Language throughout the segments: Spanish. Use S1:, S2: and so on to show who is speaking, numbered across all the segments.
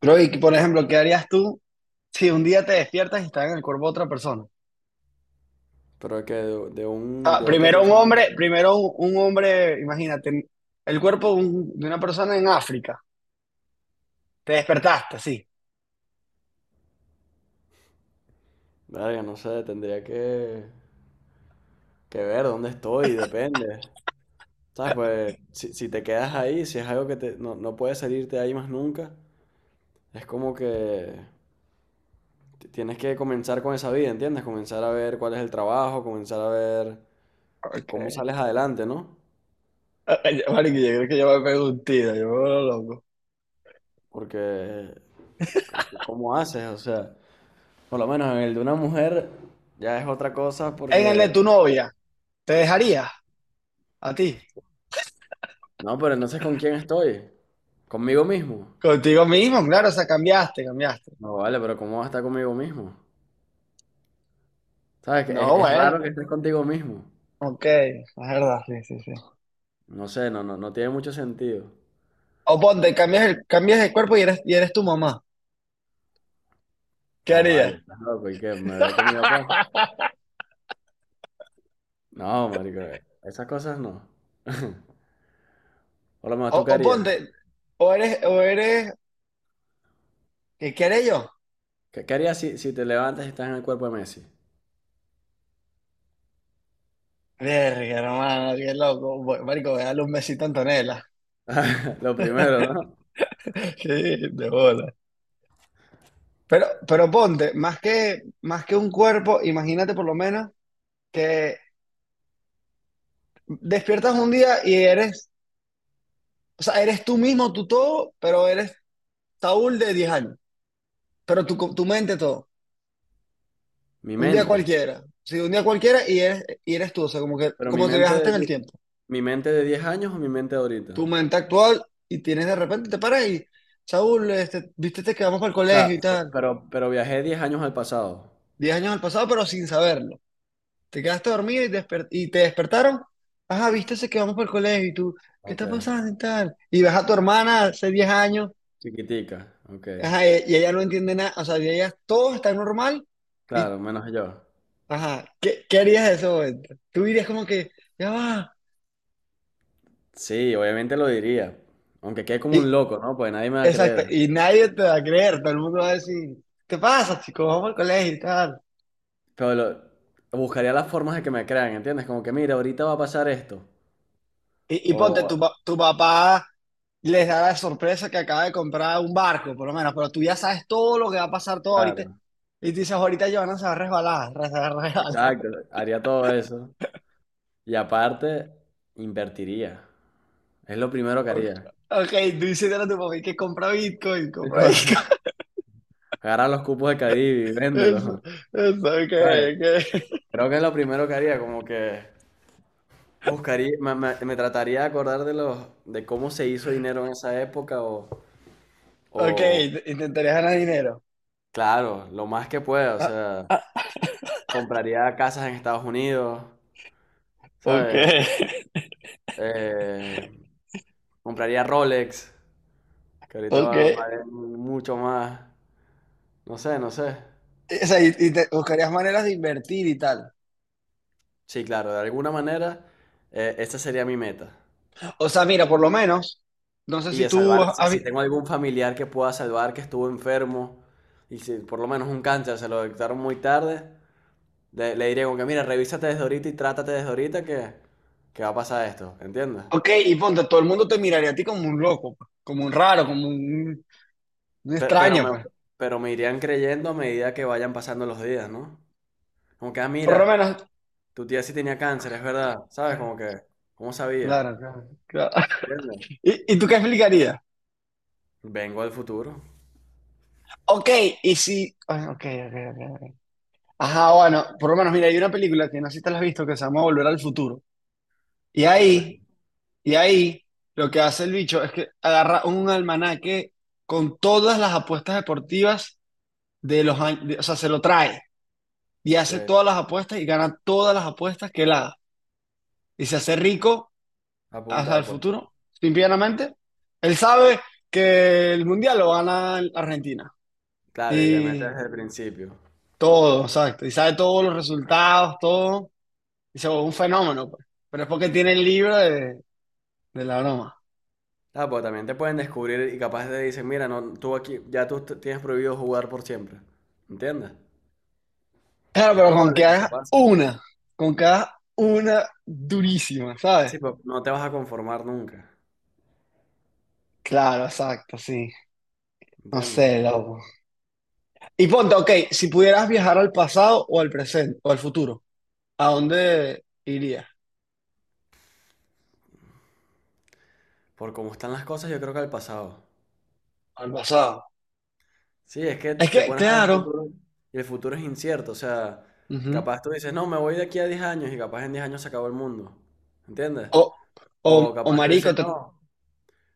S1: Creo que, por ejemplo, ¿qué harías tú si un día te despiertas y estás en el cuerpo de otra persona?
S2: Pero que
S1: Ah,
S2: de otra persona.
S1: primero un hombre, imagínate, el cuerpo de una persona en África. Te despertaste, sí.
S2: Verga, no sé, tendría que ver dónde estoy, depende. ¿Sabes? Pues si, si te quedas ahí, si es algo que te, no, no puedes salirte ahí más nunca, es como que tienes que comenzar con esa vida, ¿entiendes? Comenzar a ver cuál es el trabajo, comenzar a ver cómo
S1: Ok.
S2: sales adelante, ¿no?
S1: Ay, Marico, yo creo que yo me pego un tiro, yo me vuelvo loco.
S2: Porque, ¿cómo haces? O sea, por lo menos en el de una mujer ya es otra cosa
S1: En el de
S2: porque...
S1: tu novia, ¿te dejaría a ti?
S2: No, pero entonces ¿con quién estoy? ¿Conmigo mismo?
S1: Contigo mismo, claro, o sea, cambiaste, cambiaste.
S2: No vale, pero ¿cómo vas a estar conmigo mismo? ¿Sabes? Que
S1: No,
S2: es
S1: bueno,
S2: raro que estés contigo mismo.
S1: ok, es verdad, sí, sí, sí.
S2: No sé, no, no, no tiene mucho sentido.
S1: O ponte, cambias el cuerpo y eres tu mamá. ¿Qué
S2: No vale,
S1: harías?
S2: estás loco. ¿Y qué? ¿Me veo con mi papá? No, marico, esas cosas no. Por lo menos,
S1: O,
S2: ¿tú qué
S1: o
S2: harías?
S1: ponte, o eres, o eres, ¿qué haré yo?
S2: ¿Qué, qué harías si, si te levantas y estás en el cuerpo de Messi?
S1: Verga, hermano, qué loco. Marico, voy a darle un besito a Antonella.
S2: Lo primero, ¿no?
S1: Sí, de bola. Pero ponte, más que un cuerpo, imagínate por lo menos que despiertas un día y eres, o sea, eres tú mismo, tú todo, pero eres Saúl de 10 años. Pero tu mente todo.
S2: Mi
S1: Un día
S2: mente.
S1: cualquiera. Sí, un día cualquiera y eres tú. O sea, como que,
S2: Pero
S1: como te viajaste en el tiempo.
S2: mi mente de 10 años o mi mente de ahorita.
S1: Tu mente actual y tienes de repente, te paras y, Saúl, viste, te quedamos para el
S2: O
S1: colegio
S2: sea,
S1: y tal.
S2: pero viajé 10 años al pasado.
S1: 10 años al pasado, pero sin saberlo. Te quedaste dormido y te despertaron, ajá, viste, se quedamos para el colegio y tú, ¿qué
S2: Ok.
S1: está pasando y tal? Y ves a tu hermana hace 10 años,
S2: Chiquitica. Ok.
S1: ajá, y ella no entiende nada, o sea, y ella todo está normal y,
S2: Claro, menos yo.
S1: ajá, ¿qué harías en ese momento? Tú dirías como que, ya va,
S2: Sí, obviamente lo diría. Aunque quede como
S1: y,
S2: un loco, ¿no? Pues nadie me va a
S1: exacto,
S2: creer.
S1: y nadie te va a creer, todo el mundo va a decir, ¿qué pasa, chico? Vamos al colegio y tal.
S2: Pero lo- Buscaría las formas de que me crean, ¿entiendes? Como que, mira, ahorita va a pasar esto.
S1: Y ponte,
S2: O,
S1: tu papá les da la sorpresa que acaba de comprar un barco, por lo menos, pero tú ya sabes todo lo que va a pasar todo ahorita.
S2: claro,
S1: Y tú dices, ahorita Giovanna se va a resbalar, se va a resbalar.
S2: exacto. Haría todo eso. Y aparte, invertiría. Es lo primero que
S1: Ok,
S2: haría.
S1: ok, tú dices a tu papá que compra Bitcoin, compra
S2: Co-
S1: Bitcoin.
S2: Agarrar los cupos de Cadivi y
S1: Eso,
S2: véndelos.
S1: eso, ok,
S2: ¿Sabes?
S1: ok.
S2: Creo que es lo primero que haría, como que buscaría, me trataría de acordar de los, de cómo se hizo dinero en esa época
S1: Ok,
S2: o,
S1: intentarías ganar dinero.
S2: claro, lo más que pueda, o
S1: Ah,
S2: sea.
S1: ah,
S2: Compraría casas en Estados Unidos,
S1: ok,
S2: ¿sabes? Eh, compraría Rolex, que ahorita
S1: ok.
S2: valen mucho más. No sé, no sé.
S1: O sea, y te buscarías maneras de invertir y tal.
S2: Sí, claro, de alguna manera, esa sería mi meta.
S1: O sea, mira, por lo menos, no sé
S2: Y
S1: si
S2: de
S1: tú
S2: salvar, si,
S1: has.
S2: si tengo algún familiar que pueda salvar que estuvo enfermo, y si por lo menos un cáncer se lo detectaron muy tarde, le diré como que, mira, revísate desde ahorita y trátate desde ahorita que va a pasar esto, ¿entiendes?
S1: Ok, y ponte, todo el mundo te miraría a ti como un loco, pues, como un raro, como un
S2: Pe- Pero
S1: extraño,
S2: me,
S1: pues.
S2: pero me irían creyendo a medida que vayan pasando los días, ¿no? Como que, ah,
S1: Por lo
S2: mira,
S1: menos.
S2: tu tía sí tenía cáncer, es verdad. ¿Sabes? Como que, ¿cómo sabía?
S1: Claro, claro, claro.
S2: ¿Entiendes?
S1: ¿Y tú qué explicarías?
S2: Vengo del futuro.
S1: Ok, y si. Ah, ok, ok, ok, ok. Ajá, bueno, por lo menos, mira, hay una película que no sé si te la has visto que se llama Volver al Futuro. Y
S2: Creo que sí.
S1: ahí, y ahí, lo que hace el bicho es que agarra un almanaque con todas las apuestas deportivas de los años. O sea, se lo trae y hace
S2: Que
S1: todas las apuestas y gana todas las apuestas que él haga. Y se hace rico hacia el
S2: apunta, pues.
S1: futuro, simplemente. Él sabe que el mundial lo gana Argentina
S2: Claro, y le metes
S1: y
S2: desde el principio.
S1: todo, exacto. Y sabe todos los resultados, todo. Y se vuelve un fenómeno, pues. Pero es porque tiene el libro de la broma.
S2: Ah, pues también te pueden descubrir y capaz te dicen, mira, no, tú aquí, ya tú tienes prohibido jugar por siempre. ¿Entiendes?
S1: Claro,
S2: Es
S1: pero con que
S2: probable que eso
S1: hagas
S2: pase.
S1: una, con que hagas una durísima, ¿sabes?
S2: Sí, pero no te vas a conformar nunca.
S1: Claro, exacto, sí. No
S2: ¿Entiendes?
S1: sé, loco. Y ponte, ok, si pudieras viajar al pasado o al presente o al futuro, ¿a dónde irías?
S2: Por cómo están las cosas, yo creo que al pasado.
S1: Al pasado.
S2: Sí, es que
S1: Es
S2: te
S1: que,
S2: pones a ver el
S1: claro.
S2: futuro y el futuro es incierto. O sea,
S1: Ujú.
S2: capaz tú dices, no, me voy de aquí a 10 años y capaz en 10 años se acabó el mundo. ¿Entiendes?
S1: O, o,
S2: O
S1: o
S2: capaz tú
S1: marico,
S2: dices, no,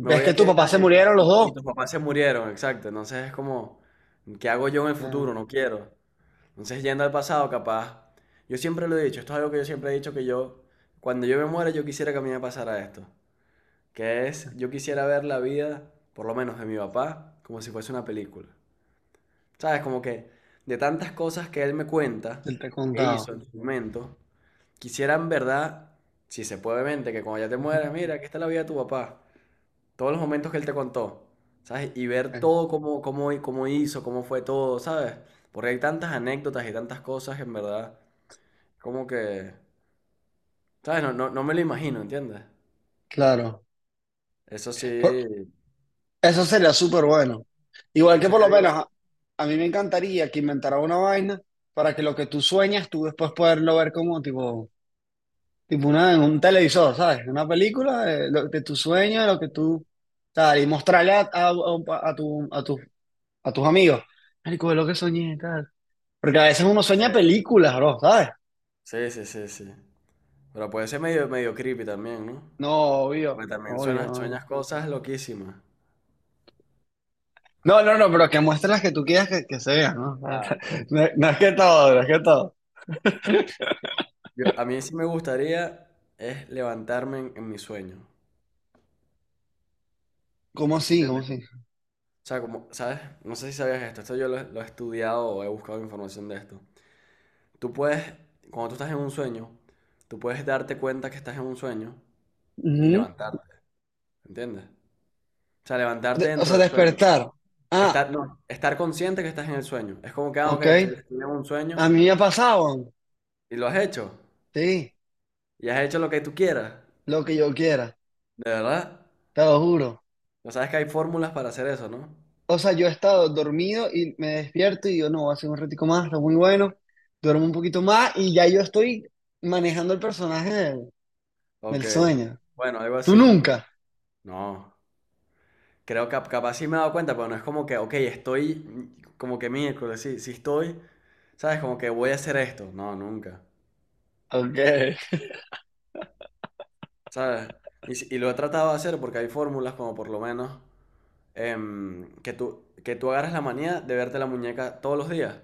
S2: me
S1: ves
S2: voy de
S1: que
S2: aquí
S1: tu
S2: a 10
S1: papá se
S2: años
S1: murieron los
S2: y,
S1: dos.
S2: y tus papás se murieron, exacto. Entonces es como, ¿qué hago yo en el futuro?
S1: Ya,
S2: No quiero. Entonces yendo al pasado, capaz. Yo siempre lo he dicho, esto es algo que yo siempre he dicho que yo, cuando yo me muera, yo quisiera que a mí me pasara esto. Que es, yo quisiera ver la vida, por lo menos de mi papá, como si fuese una película. ¿Sabes? Como que de tantas cosas que él me cuenta,
S1: te he
S2: que
S1: contado.
S2: hizo en su momento, quisiera en verdad, si se puede, obviamente, que cuando ya te
S1: Ujú.
S2: mueras, mira, aquí está la vida de tu papá, todos los momentos que él te contó, ¿sabes? Y ver
S1: Eh,
S2: todo cómo, cómo, cómo hizo, cómo fue todo, ¿sabes? Porque hay tantas anécdotas y tantas cosas que en verdad, como que, ¿sabes? No, no, no me lo imagino, ¿entiendes?
S1: Claro.
S2: Eso
S1: Por-
S2: sí,
S1: Eso sería súper bueno. Igual
S2: por
S1: que
S2: eso es
S1: por
S2: que
S1: lo
S2: digo.
S1: menos a mí me encantaría que inventara una vaina para que lo que tú sueñas, tú después poderlo ver como tipo una, en un televisor, ¿sabes? Una película de tu sueño, de lo que tú, tal, y mostrarle a, a un pa- a tu, a, tu- a tus amigos. Marico, ve lo que soñé, tal. Porque a veces uno sueña
S2: eh,
S1: películas, bro, ¿sabes?
S2: sí, sí, sí, sí. Pero puede ser medio, medio creepy también, ¿no?
S1: No, obvio,
S2: Porque también
S1: obvio,
S2: suenas,
S1: obvio.
S2: sueñas cosas loquísimas.
S1: No, no, no, pero que muestres las que tú quieras que se vean, ¿no?
S2: Ah, ok.
S1: No, es no es que todo, no es que todo.
S2: Yo, a mí sí me gustaría es levantarme en mi sueño.
S1: ¿Cómo sí? ¿Cómo
S2: ¿Entiendes? O
S1: sí?
S2: sea, como, ¿sabes? No sé si sabías esto. Esto yo lo he estudiado o he buscado información de esto. Tú puedes, cuando tú estás en un sueño, tú puedes darte cuenta que estás en un sueño y
S1: Ujú.
S2: levantarte. ¿Entiendes? O sea, levantarte
S1: O
S2: dentro
S1: sea,
S2: del sueño.
S1: despertar. Ah,
S2: Estar, no, estar consciente que estás en el sueño. Es como que, ah, ok,
S1: ok.
S2: estoy en un
S1: A
S2: sueño
S1: mí me ha pasado,
S2: y lo has hecho.
S1: sí,
S2: Y has hecho lo que tú quieras.
S1: lo que yo quiera,
S2: ¿De verdad?
S1: te lo juro.
S2: O sabes que hay fórmulas para hacer eso, ¿no?
S1: O sea, yo he estado dormido y me despierto y digo, no, voy a hacer un ratico más, está muy bueno. Duermo un poquito más y ya yo estoy manejando el personaje del,
S2: Ok,
S1: del sueño.
S2: bueno, algo
S1: Tú
S2: así.
S1: nunca.
S2: No, creo que capaz sí me he dado cuenta, pero no es como que, ok, estoy como que miércoles, sí, sí estoy, ¿sabes? Como que voy a hacer esto. No, nunca,
S1: Ok.
S2: ¿sabes? Y, si- y lo he tratado de hacer porque hay fórmulas como por lo menos que tú, agarras la manía de verte la muñeca todos los días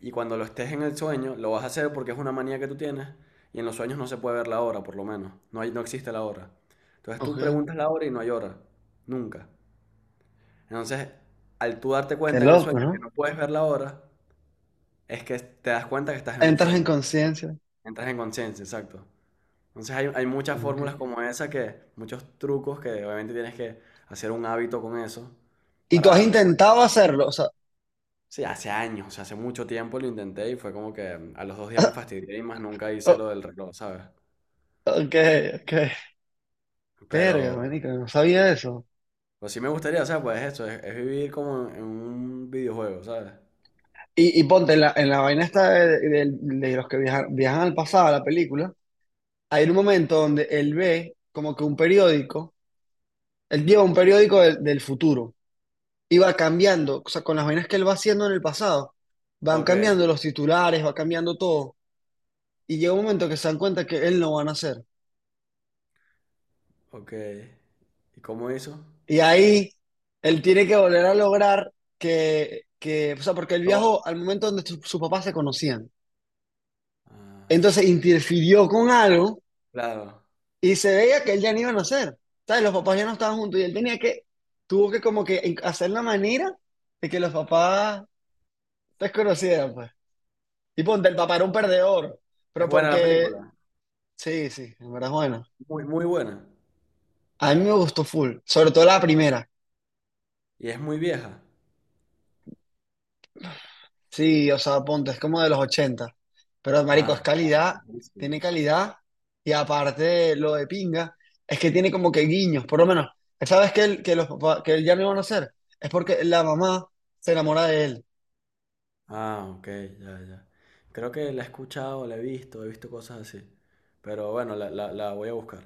S2: y cuando lo estés en el sueño lo vas a hacer porque es una manía que tú tienes y en los sueños no se puede ver la hora, por lo menos. No hay, no existe la hora. Entonces tú
S1: Ok.
S2: preguntas la hora y no hay hora, nunca. Entonces, al tú darte
S1: Qué
S2: cuenta en el
S1: loco,
S2: sueño que
S1: ¿no?
S2: no puedes ver la hora, es que te das cuenta que estás en un
S1: Entras en
S2: sueño.
S1: conciencia.
S2: Entras en conciencia, exacto. Entonces hay muchas
S1: Ok.
S2: fórmulas como esa que, muchos trucos que obviamente tienes que hacer un hábito con eso
S1: Y
S2: para
S1: tú has
S2: darte cuenta.
S1: intentado hacerlo, o sea,
S2: Sí, hace años, o sea, hace mucho tiempo lo intenté y fue como que a los 2 días me fastidié y más nunca hice
S1: oh,
S2: lo del reloj, ¿sabes?
S1: ok, ok. Verga,
S2: Pero,
S1: marico, no sabía eso.
S2: pues sí me gustaría, o sea, pues eso, es vivir como en un videojuego, ¿sabes?
S1: Y ponte en la vaina esta de los que viajan al pasado, a la película, hay un momento donde él ve como que un periódico, él lleva un periódico del futuro y va cambiando, o sea, con las vainas que él va haciendo en el pasado, van
S2: Ok,
S1: cambiando los titulares, va cambiando todo. Y llega un momento que se dan cuenta que él no va a nacer.
S2: ok. ¿Y cómo hizo?
S1: Y ahí él tiene que volver a lograr o sea, porque él
S2: No.
S1: viajó al momento donde sus papás se conocían. Entonces
S2: Ah,
S1: interfirió con algo
S2: claro.
S1: y se veía que él ya no iba a nacer. ¿Sabes? Los papás ya no estaban juntos y él tenía que, tuvo que como que hacer la manera de que los papás se conocieran pues. Y ponte, el papá era un perdedor,
S2: Es
S1: pero
S2: buena la
S1: porque,
S2: película.
S1: sí, sí, en verdad es bueno.
S2: Muy, muy buena.
S1: A mí me gustó full, sobre todo la primera.
S2: Y es muy vieja.
S1: Sí, o sea, ponte, es como de los ochenta. Pero, marico, es
S2: Ah, no,
S1: calidad,
S2: es
S1: tiene
S2: buenísima.
S1: calidad. Y aparte, lo de pinga, es que tiene como que guiños, por lo menos. ¿Sabes que él, que los papás, que él ya no iban a hacer? Es porque la mamá se enamora de él.
S2: Ah, ok, ya, ya. Creo que la he escuchado, la he visto cosas así. Pero bueno, la voy a buscar.